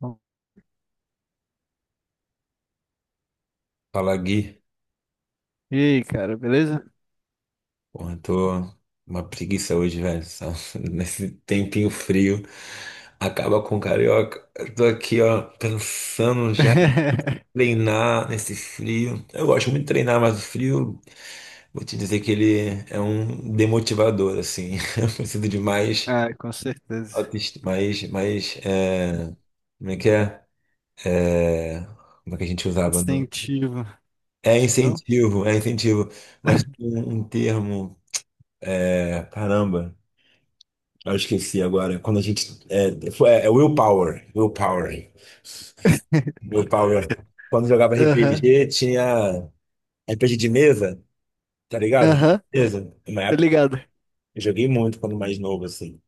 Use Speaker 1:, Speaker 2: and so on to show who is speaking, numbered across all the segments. Speaker 1: Bom.
Speaker 2: Fala, Gui.
Speaker 1: E aí, cara, beleza?
Speaker 2: Porra, eu tô uma preguiça hoje, velho. Só nesse tempinho frio. Acaba com o carioca. Eu tô aqui, ó, pensando já em treinar nesse frio. Eu gosto muito de treinar, mas o frio, vou te dizer que ele é um demotivador, assim. Eu preciso de mais
Speaker 1: Ah, com certeza.
Speaker 2: autoestima, como é que é? É, Como é que a gente usava no...
Speaker 1: Instintivo,
Speaker 2: É
Speaker 1: não?
Speaker 2: incentivo, é incentivo. Mas tem um termo, caramba. Eu esqueci agora. Quando a gente. É, foi, é é Willpower. Willpower. Willpower. Quando jogava
Speaker 1: Aham,
Speaker 2: RPG, tinha RPG de mesa, tá ligado?
Speaker 1: aham,
Speaker 2: Mesa. Na
Speaker 1: tá
Speaker 2: época,
Speaker 1: ligado?
Speaker 2: eu joguei muito quando mais novo, assim.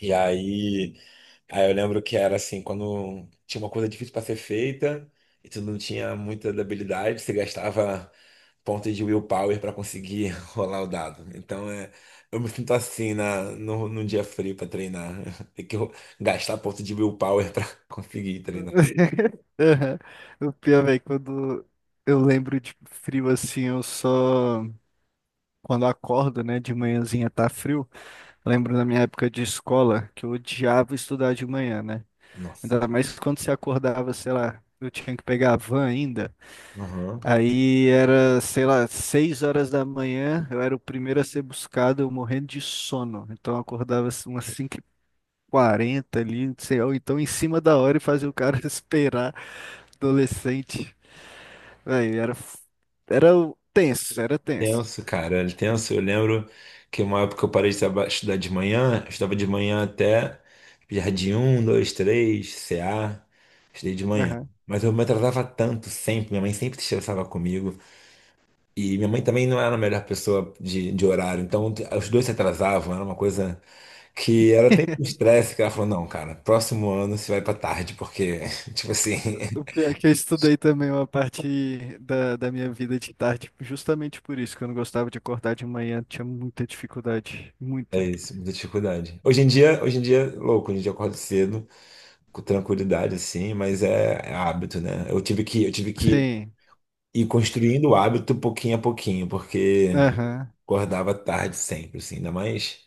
Speaker 2: E aí, eu lembro que era assim, quando tinha uma coisa difícil para ser feita e tu não tinha muita habilidade, você gastava pontos de willpower para conseguir rolar o dado. Então é, eu me sinto assim na no, num dia frio para treinar. Tem que gastar ponto de willpower para conseguir treinar.
Speaker 1: Aham. O pior, velho, quando eu lembro de frio assim, eu só. Quando acordo, né, de manhãzinha tá frio. Lembro da minha época de escola que eu odiava estudar de manhã, né?
Speaker 2: Nossa.
Speaker 1: Ainda mais quando você acordava, sei lá, eu tinha que pegar a van ainda.
Speaker 2: Aham.
Speaker 1: Aí era, sei lá, 6 horas da manhã, eu era o primeiro a ser buscado, eu morrendo de sono. Então eu acordava assim, umas cinco h 40 ali, não sei, ou então em cima da hora e fazia o cara esperar, adolescente. Aí era, f- era o- tenso, era tenso.
Speaker 2: Tenso, cara, era tenso. Eu lembro que uma época eu parei de estudar de manhã, eu estudava de manhã até Jardim 1, 2, 3, CA, estudei de manhã.
Speaker 1: Aham.
Speaker 2: Mas eu me atrasava tanto sempre, minha mãe sempre se estressava comigo. E minha mãe também não era a melhor pessoa de horário, então os dois se atrasavam, era uma coisa que era até um estresse, que ela falou, não, cara, próximo ano você vai pra tarde, porque, tipo assim,
Speaker 1: O pior é que eu estudei também uma parte da minha vida de tarde, justamente por isso, que eu não gostava de acordar de manhã, tinha muita dificuldade,
Speaker 2: é
Speaker 1: muita.
Speaker 2: isso, muita dificuldade. Hoje em dia, é louco, hoje em dia eu acordo cedo com tranquilidade, assim, mas é hábito, né? Eu tive que
Speaker 1: Sim,
Speaker 2: ir construindo o hábito pouquinho a pouquinho, porque
Speaker 1: aham.
Speaker 2: acordava tarde sempre, assim,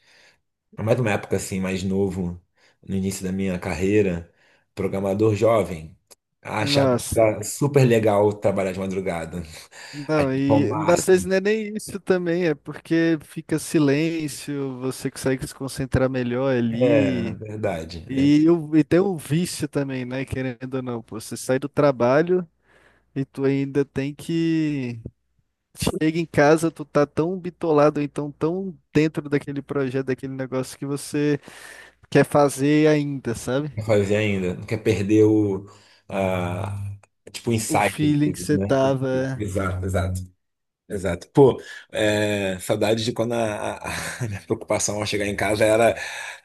Speaker 2: ainda mais numa época assim mais novo, no início da minha carreira, programador jovem. Achava que
Speaker 1: Nossa.
Speaker 2: era super legal trabalhar de madrugada.
Speaker 1: Não,
Speaker 2: Achava o
Speaker 1: e às vezes
Speaker 2: máximo.
Speaker 1: não é nem isso também, é porque fica silêncio, você consegue se concentrar melhor ali.
Speaker 2: Verdade, verdade.
Speaker 1: E tem o vício também, né? Querendo ou não, pô, você sai do trabalho e tu ainda tem que. Chega em casa, tu tá tão bitolado, ou então tão dentro daquele projeto, daquele negócio que você quer fazer ainda, sabe?
Speaker 2: Quer fazer ainda. Não quer perder o, ah, tipo, o
Speaker 1: O
Speaker 2: insight
Speaker 1: feeling que
Speaker 2: deles,
Speaker 1: você
Speaker 2: né?
Speaker 1: tava.
Speaker 2: Exato, exato. Exato. Pô, saudade de quando a minha preocupação ao chegar em casa era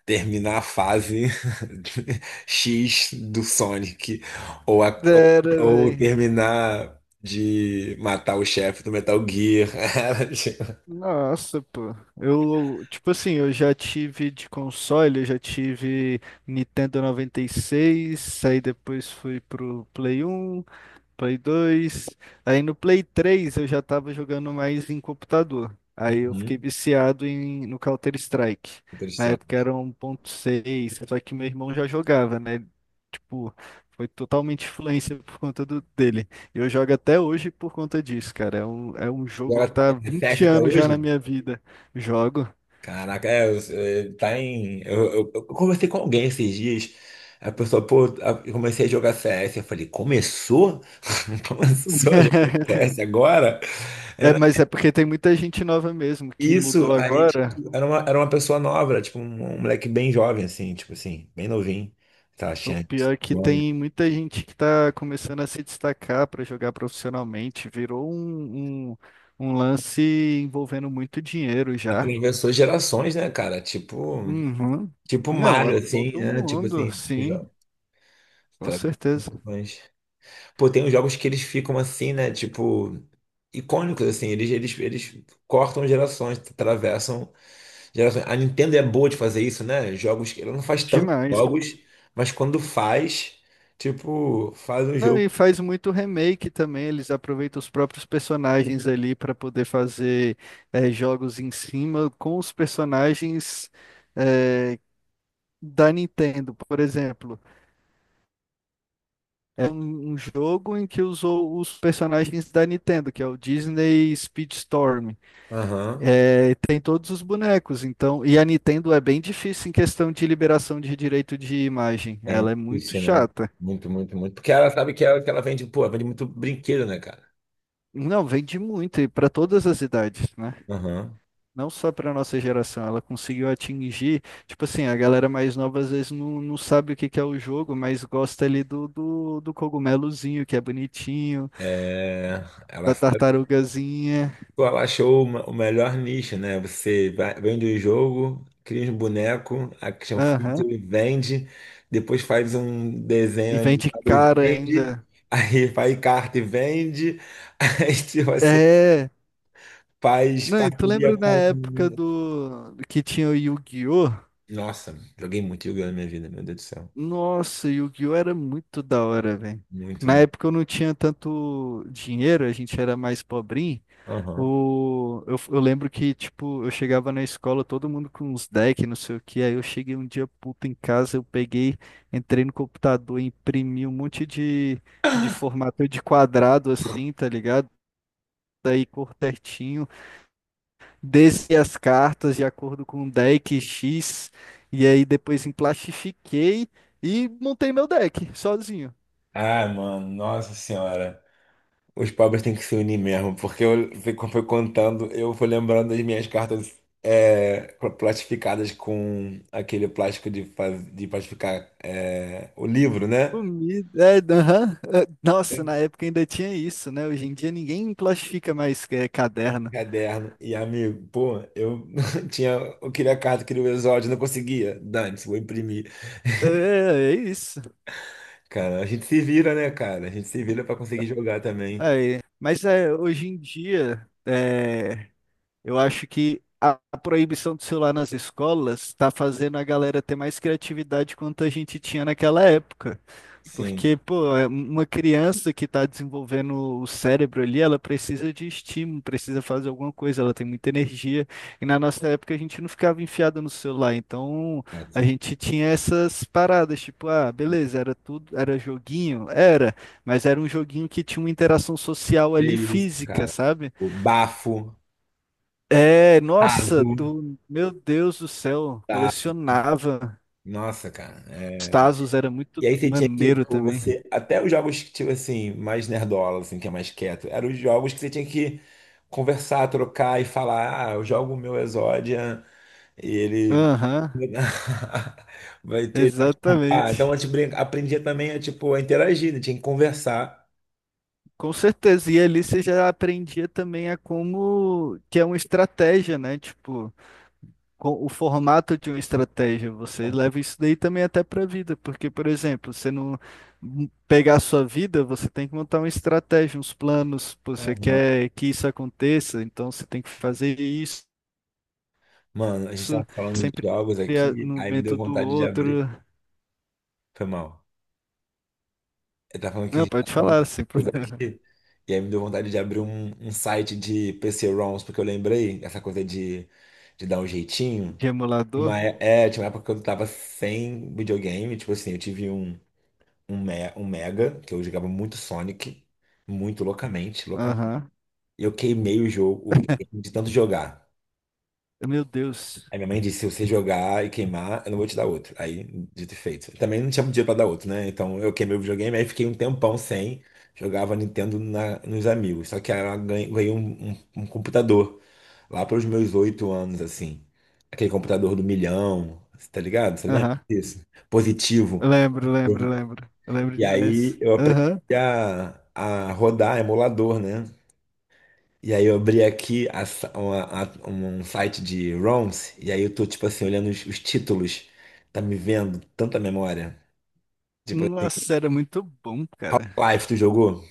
Speaker 2: terminar a fase X do Sonic, ou, a-
Speaker 1: Era,
Speaker 2: ou
Speaker 1: velho.
Speaker 2: terminar de matar o chefe do Metal Gear. Era, tipo.
Speaker 1: Nossa, pô. Eu, tipo assim, eu já tive de console, eu já tive Nintendo 96 aí depois fui pro Play 1, Play 2. Aí no Play 3 eu já tava jogando mais em computador. Aí eu fiquei
Speaker 2: Uhum.
Speaker 1: viciado no Counter-Strike.
Speaker 2: Outra
Speaker 1: Na
Speaker 2: história.
Speaker 1: época era 1.6, só que meu irmão já jogava, né? Tipo, foi totalmente influência por conta dele. E eu jogo até hoje por conta disso, cara. É um jogo que
Speaker 2: Agora,
Speaker 1: tá
Speaker 2: é
Speaker 1: há 20
Speaker 2: reflexo até
Speaker 1: anos já
Speaker 2: hoje?
Speaker 1: na minha vida. Jogo.
Speaker 2: Caraca, Eu conversei com alguém esses dias. A pessoa, pô, eu comecei a jogar CS. Eu falei, começou? Começou a jogar CS agora?
Speaker 1: É,
Speaker 2: Era
Speaker 1: mas é porque tem muita gente nova mesmo que
Speaker 2: isso.
Speaker 1: mudou
Speaker 2: Aí, tipo,
Speaker 1: agora.
Speaker 2: era uma pessoa nova, era, tipo, um moleque bem jovem, assim, tipo assim, bem novinho. Tá
Speaker 1: O
Speaker 2: achando.
Speaker 1: pior é que
Speaker 2: Jovem.
Speaker 1: tem muita gente que está começando a se destacar para jogar profissionalmente. Virou um lance envolvendo muito dinheiro já.
Speaker 2: Atravessou gerações, né, cara? Tipo,
Speaker 1: Uhum.
Speaker 2: tipo
Speaker 1: Não, é
Speaker 2: Mario, assim,
Speaker 1: todo
Speaker 2: né? Tipo
Speaker 1: mundo,
Speaker 2: assim,
Speaker 1: sim, com
Speaker 2: atravessou
Speaker 1: certeza.
Speaker 2: gerações. Pô, tem uns jogos que eles ficam assim, né? Tipo, icônicos, assim. Eles cortam gerações, atravessam gerações. A Nintendo é boa de fazer isso, né? Jogos que ela não faz tantos
Speaker 1: Demais.
Speaker 2: jogos, mas quando faz, tipo, faz um
Speaker 1: Não,
Speaker 2: jogo.
Speaker 1: e faz muito remake também. Eles aproveitam os próprios personagens ali para poder fazer jogos em cima com os personagens eh, da Nintendo, por exemplo. É um jogo em que usou os personagens da Nintendo, que é o Disney Speedstorm.
Speaker 2: Aham.
Speaker 1: É, tem todos os bonecos, então. E a Nintendo é bem difícil em questão de liberação de direito de imagem.
Speaker 2: Bem
Speaker 1: Ela é muito
Speaker 2: difícil, né?
Speaker 1: chata.
Speaker 2: Muito, muito, muito. Porque ela sabe que ela vende, pô, ela vende muito brinquedo, né, cara?
Speaker 1: Não, vende muito, e para todas as idades, né?
Speaker 2: Aham.
Speaker 1: Não só para nossa geração. Ela conseguiu atingir. Tipo assim, a galera mais nova às vezes não sabe o que que é o jogo, mas gosta ali do cogumelozinho, que é bonitinho,
Speaker 2: É, ela.
Speaker 1: da tartarugazinha.
Speaker 2: Tu achou o melhor nicho, né? Você vende o jogo, cria um boneco, action
Speaker 1: Aham.
Speaker 2: figure, vende, depois faz um desenho
Speaker 1: E vende
Speaker 2: animado e
Speaker 1: caro
Speaker 2: vende,
Speaker 1: ainda.
Speaker 2: aí faz carta e vende, aí tipo assim,
Speaker 1: É.
Speaker 2: faz
Speaker 1: Não, e tu
Speaker 2: parceria
Speaker 1: lembra na
Speaker 2: com.
Speaker 1: época do que tinha o Yu-Gi-Oh?
Speaker 2: Nossa, joguei muito Yu-Gi-Oh! Na minha vida, meu Deus do céu.
Speaker 1: Nossa, o Yu-Gi-Oh era muito da hora, velho.
Speaker 2: Muito,
Speaker 1: Na
Speaker 2: muito.
Speaker 1: época eu não tinha tanto dinheiro, a gente era mais pobrinho.
Speaker 2: Aham.
Speaker 1: Eu lembro que, tipo, eu chegava na escola, todo mundo com uns decks, não sei o que. Aí eu cheguei um dia puto em casa, eu peguei, entrei no computador, imprimi um monte de formato de quadrado assim, tá ligado? Daí cor certinho. Desci as cartas de acordo com o deck X, e aí depois emplastifiquei e montei meu deck sozinho.
Speaker 2: Ah, mano, nossa senhora. Os pobres têm que se unir mesmo, porque eu foi contando, eu fui lembrando das minhas cartas, plastificadas com aquele plástico de, de plastificar, o livro, né?
Speaker 1: Comida, é, aham, é, nossa, na época ainda tinha isso, né? Hoje em dia ninguém plastifica mais é, caderno.
Speaker 2: Caderno. E amigo, pô, eu tinha, eu queria a carta, queria o exódio, não conseguia. Dane-se, vou imprimir.
Speaker 1: É, é isso.
Speaker 2: Cara, a gente se vira, né, cara? A gente se vira pra conseguir jogar também.
Speaker 1: Aí, mas é, hoje em dia, é, eu acho que a proibição do celular nas escolas está fazendo a galera ter mais criatividade quanto a gente tinha naquela época.
Speaker 2: Sim,
Speaker 1: Porque, pô, é uma criança que está desenvolvendo o cérebro ali, ela precisa de estímulo, precisa fazer alguma coisa, ela tem muita energia. E na nossa época a gente não ficava enfiado no celular, então a
Speaker 2: exato.
Speaker 1: gente tinha essas paradas, tipo, ah, beleza, era tudo, era joguinho, era, mas era um joguinho que tinha uma interação social
Speaker 2: É
Speaker 1: ali
Speaker 2: isso,
Speaker 1: física,
Speaker 2: cara.
Speaker 1: sabe?
Speaker 2: O bafo,
Speaker 1: É, nossa,
Speaker 2: tazo,
Speaker 1: tu, meu Deus do céu,
Speaker 2: tá?
Speaker 1: colecionava.
Speaker 2: Nossa, cara.
Speaker 1: Os Tazos era muito
Speaker 2: E aí você tinha que,
Speaker 1: maneiro
Speaker 2: tipo,
Speaker 1: também.
Speaker 2: você, até os jogos que, tipo assim, mais nerdola, assim, que é mais quieto, eram os jogos que você tinha que conversar, trocar e falar, ah, eu jogo o meu Exodia e ele...
Speaker 1: Aham,
Speaker 2: Vai ter... Ah, então a
Speaker 1: exatamente.
Speaker 2: gente aprendia também a, tipo, a interagir, né? Tinha que conversar.
Speaker 1: Com certeza, e ali você já aprendia também a como que é uma estratégia, né? Tipo, o formato de uma estratégia. Você leva isso daí também até pra vida, porque, por exemplo, você não pegar a sua vida, você tem que montar uma estratégia, uns planos, pô, você quer que isso aconteça, então você tem que fazer isso
Speaker 2: Mano, a gente tava
Speaker 1: isso
Speaker 2: falando de
Speaker 1: sempre
Speaker 2: jogos aqui,
Speaker 1: no
Speaker 2: aí me deu
Speaker 1: momento do
Speaker 2: vontade de
Speaker 1: outro.
Speaker 2: abrir. Foi mal. Ele tá falando que a
Speaker 1: Não,
Speaker 2: gente tá
Speaker 1: pode
Speaker 2: falando de
Speaker 1: falar, sem
Speaker 2: coisa
Speaker 1: problema.
Speaker 2: aqui. E aí me deu vontade de abrir um site de PC-ROMs, porque eu lembrei essa coisa de dar um jeitinho.
Speaker 1: De
Speaker 2: Tinha
Speaker 1: emulador?
Speaker 2: Uma, é, Tinha uma época que eu tava sem videogame, tipo assim, eu tive um Mega, que eu jogava muito Sonic, muito loucamente, loucamente.
Speaker 1: Aham.
Speaker 2: E eu queimei o jogo, o videogame de tanto jogar.
Speaker 1: Meu Deus.
Speaker 2: Aí minha mãe disse, se você jogar e queimar, eu não vou te dar outro. Aí, dito e feito. Também não tinha dinheiro pra dar outro, né? Então eu queimei o videogame, aí fiquei um tempão sem. Jogava Nintendo nos amigos. Só que aí ela ganhei um computador lá pelos meus 8 anos, assim. Aquele computador do milhão, cê tá ligado? Você lembra
Speaker 1: Aham.
Speaker 2: disso? Positivo.
Speaker 1: Lembro, lembro, lembro. Eu lembro
Speaker 2: E aí
Speaker 1: demais.
Speaker 2: eu aprendi
Speaker 1: Aham.
Speaker 2: a rodar emulador, né? E aí eu abri aqui a sa- uma- a- um site de ROMs, e aí eu tô, tipo assim, olhando os títulos. Tá me vendo tanta memória. Tipo assim,
Speaker 1: Nossa, era muito bom, cara.
Speaker 2: Half-Life, tu jogou?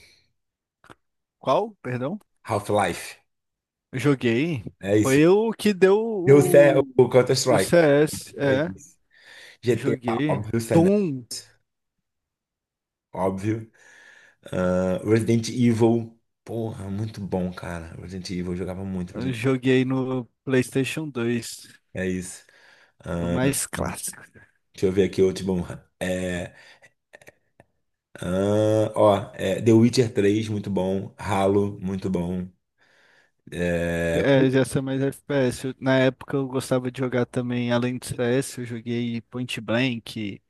Speaker 1: Qual? Perdão?
Speaker 2: Half-Life.
Speaker 1: Eu joguei.
Speaker 2: É isso.
Speaker 1: Foi o que deu
Speaker 2: Eu sei
Speaker 1: o,
Speaker 2: o
Speaker 1: o
Speaker 2: Counter-Strike.
Speaker 1: CS.
Speaker 2: É
Speaker 1: É,
Speaker 2: isso. GTA,
Speaker 1: joguei.
Speaker 2: óbvio, San,
Speaker 1: Doom.
Speaker 2: óbvio. Ah, Resident Evil. Porra, muito bom, cara. Resident Evil, eu jogava muito.
Speaker 1: Eu
Speaker 2: Resident...
Speaker 1: joguei no PlayStation 2.
Speaker 2: É isso.
Speaker 1: O
Speaker 2: Ah,
Speaker 1: mais clássico.
Speaker 2: deixa eu ver aqui outro bom. é, Ah, ó, The Witcher 3, muito bom. Halo, muito bom. É,
Speaker 1: É, já sou mais FPS. Na época eu gostava de jogar também, além do CS, eu joguei Point Blank.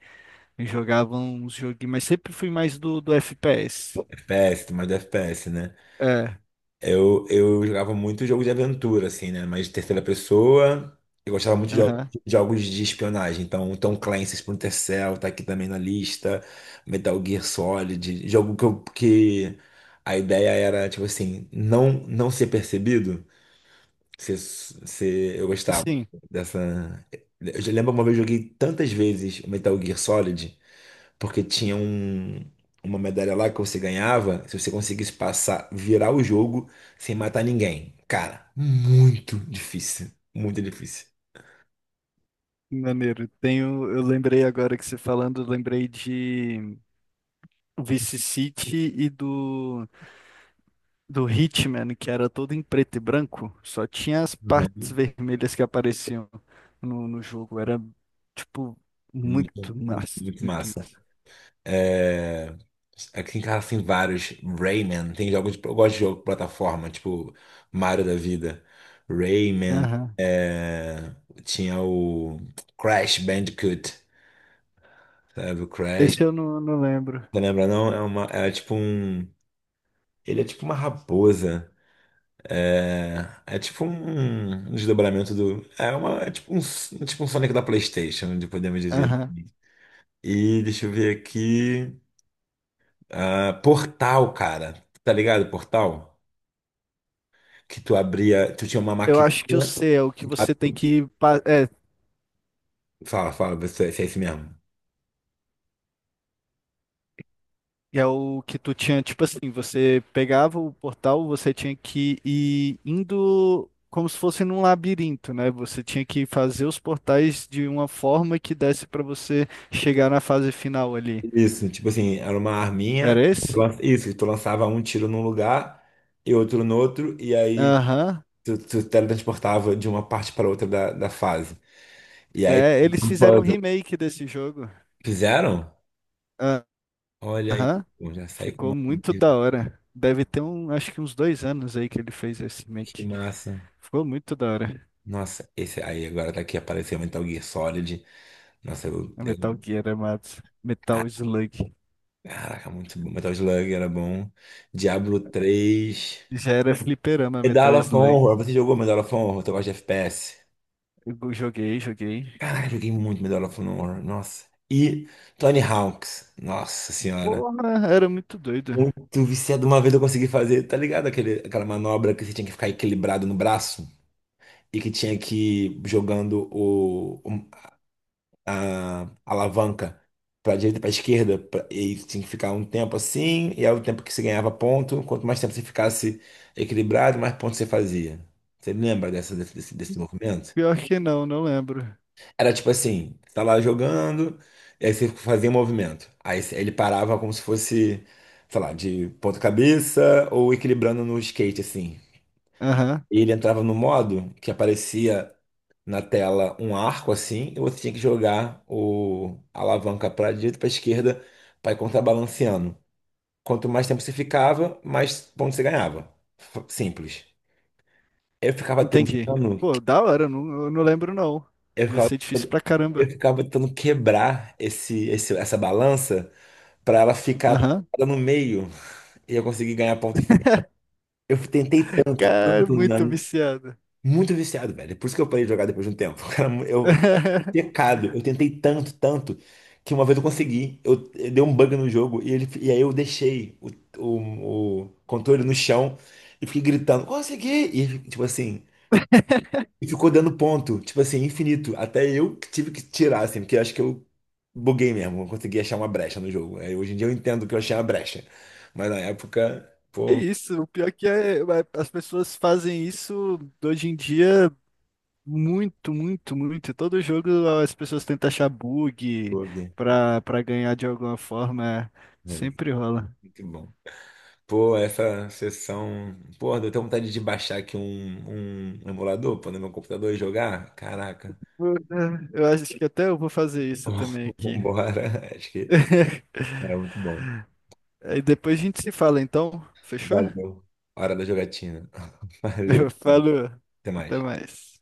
Speaker 1: Eu jogava uns joguinhos, mas sempre fui mais do FPS.
Speaker 2: FPS, mais do FPS, né?
Speaker 1: É,
Speaker 2: Eu jogava muito jogo de aventura, assim, né? Mas de terceira pessoa. Eu gostava muito de
Speaker 1: aham.
Speaker 2: de jogos de espionagem. Então, Tom Clancy, Splinter Cell, tá aqui também na lista. Metal Gear Solid. Jogo que, que a ideia era, tipo assim, não, não ser percebido. Se, eu gostava
Speaker 1: Sim.
Speaker 2: dessa. Eu já lembro, uma vez eu joguei tantas vezes o Metal Gear Solid, porque tinha uma medalha lá que você ganhava se você conseguisse passar, virar o jogo sem matar ninguém. Cara, muito difícil. Muito difícil.
Speaker 1: Maneiro. Tenho, eu lembrei agora que você falando, eu lembrei de Vice City e do Hitman, que era todo em preto e branco, só tinha as partes
Speaker 2: Uhum.
Speaker 1: vermelhas que apareciam no jogo. Era, tipo, muito
Speaker 2: Muito, muito,
Speaker 1: massa,
Speaker 2: muito
Speaker 1: muito
Speaker 2: massa.
Speaker 1: massa.
Speaker 2: É, Aqui em casa tem vários. Rayman, tem jogos. Eu gosto de jogo de plataforma, tipo Mario da vida. Rayman.
Speaker 1: Aham.
Speaker 2: é, Tinha o Crash Bandicoot, sabe? O Crash.
Speaker 1: Esse eu não lembro.
Speaker 2: Você lembra, não? É uma... é tipo um. Ele é tipo uma raposa. É, é tipo um desdobramento do. É, uma... é tipo um Sonic da PlayStation, de podemos dizer.
Speaker 1: Aham.
Speaker 2: E deixa eu ver aqui. Ah, Portal, cara. Tá ligado? Portal? Que tu abria, tu tinha uma
Speaker 1: Eu acho que eu
Speaker 2: maquininha.
Speaker 1: sei, é o que você tem que. pa- É,
Speaker 2: Fala, fala, vê se é isso mesmo.
Speaker 1: É o que tu tinha, tipo assim, você pegava o portal, você tinha que ir indo como se fosse num labirinto, né? Você tinha que fazer os portais de uma forma que desse pra você chegar na fase final ali.
Speaker 2: Isso, tipo assim, era uma arminha.
Speaker 1: Era esse?
Speaker 2: Isso, tu lançava um tiro num lugar e outro no outro, e aí
Speaker 1: Aham.
Speaker 2: tu teletransportava de uma parte para outra da fase. E aí,
Speaker 1: É, eles
Speaker 2: um
Speaker 1: fizeram um
Speaker 2: puzzle.
Speaker 1: remake desse jogo.
Speaker 2: Fizeram?
Speaker 1: Ah.
Speaker 2: Olha aí,
Speaker 1: Aham.
Speaker 2: pô, já saí com
Speaker 1: Ficou
Speaker 2: uma.
Speaker 1: muito da hora. Deve ter um, acho que uns 2 anos aí que ele fez esse
Speaker 2: Que
Speaker 1: remake.
Speaker 2: massa.
Speaker 1: Ficou muito da hora.
Speaker 2: Nossa, esse aí agora tá aqui, apareceu Metal Gear Solid. Nossa,
Speaker 1: A Metal Gear, amados. Metal Slug.
Speaker 2: Caraca, muito bom. Metal Slug era bom. Diablo 3.
Speaker 1: Já era fliperama
Speaker 2: Medal
Speaker 1: Metal
Speaker 2: of
Speaker 1: Slug.
Speaker 2: Honor. Você jogou Medal of Honor? Eu gosta de FPS.
Speaker 1: Eu joguei, joguei.
Speaker 2: Caraca, joguei muito Medal of Honor. Nossa. E Tony Hawk's. Nossa senhora.
Speaker 1: Porra, era muito doido.
Speaker 2: Muito viciado. Uma vez eu consegui fazer, tá ligado? Aquela manobra que você tinha que ficar equilibrado no braço e que tinha que ir jogando a alavanca para direita, para esquerda, e tinha que ficar um tempo assim, e aí o tempo que você ganhava ponto, quanto mais tempo você ficasse equilibrado, mais pontos você fazia. Você lembra dessa, desse, desse desse movimento?
Speaker 1: Pior que não lembro.
Speaker 2: Era tipo assim, você tá lá jogando, e aí você fazia um movimento. Aí ele parava como se fosse, sei lá, de ponta cabeça ou equilibrando no skate, assim.
Speaker 1: Aham,
Speaker 2: Ele entrava no modo que aparecia na tela um arco assim, e você tinha que jogar o a alavanca para direita e para esquerda para ir contrabalanceando. Quanto mais tempo você ficava, mais pontos você ganhava. Simples. Eu ficava
Speaker 1: entendi.
Speaker 2: tentando,
Speaker 1: Pô, da hora, não, eu não lembro não.
Speaker 2: eu
Speaker 1: Devia
Speaker 2: ficava,
Speaker 1: ser difícil pra
Speaker 2: eu
Speaker 1: caramba.
Speaker 2: ficava tentando quebrar essa balança para ela ficar
Speaker 1: Aham.
Speaker 2: toda no meio e eu conseguir ganhar ponto. Eu tentei tanto,
Speaker 1: Cara,
Speaker 2: tanto,
Speaker 1: muito
Speaker 2: né?
Speaker 1: viciado.
Speaker 2: Muito viciado, velho. Por isso que eu parei de jogar depois de um tempo. Cara, pecado. Eu tentei tanto, tanto, que uma vez eu consegui. Eu dei um bug no jogo e aí eu deixei o controle no chão e fiquei gritando, consegui! E tipo assim, e ficou dando ponto, tipo assim, infinito. Até eu que tive que tirar, assim, porque eu acho que eu buguei mesmo, eu consegui achar uma brecha no jogo. Aí, hoje em dia eu entendo que eu achei uma brecha. Mas na época,
Speaker 1: É
Speaker 2: pô, um
Speaker 1: isso, o pior que é, as pessoas fazem isso hoje em dia muito, muito, muito. Todo jogo as pessoas tentam achar bug
Speaker 2: bug.
Speaker 1: pra ganhar de alguma forma.
Speaker 2: É,
Speaker 1: Sempre rola.
Speaker 2: muito bom. Pô, essa sessão. Pô, deu até vontade de baixar aqui um emulador, pôr no meu computador e jogar. Caraca.
Speaker 1: Eu acho que até eu vou fazer isso também aqui.
Speaker 2: Vambora. Acho que era muito bom.
Speaker 1: Aí depois a gente se fala, então. Fechou?
Speaker 2: Valeu. Hora da jogatina. Valeu.
Speaker 1: Falou.
Speaker 2: Até
Speaker 1: Até
Speaker 2: mais.
Speaker 1: mais.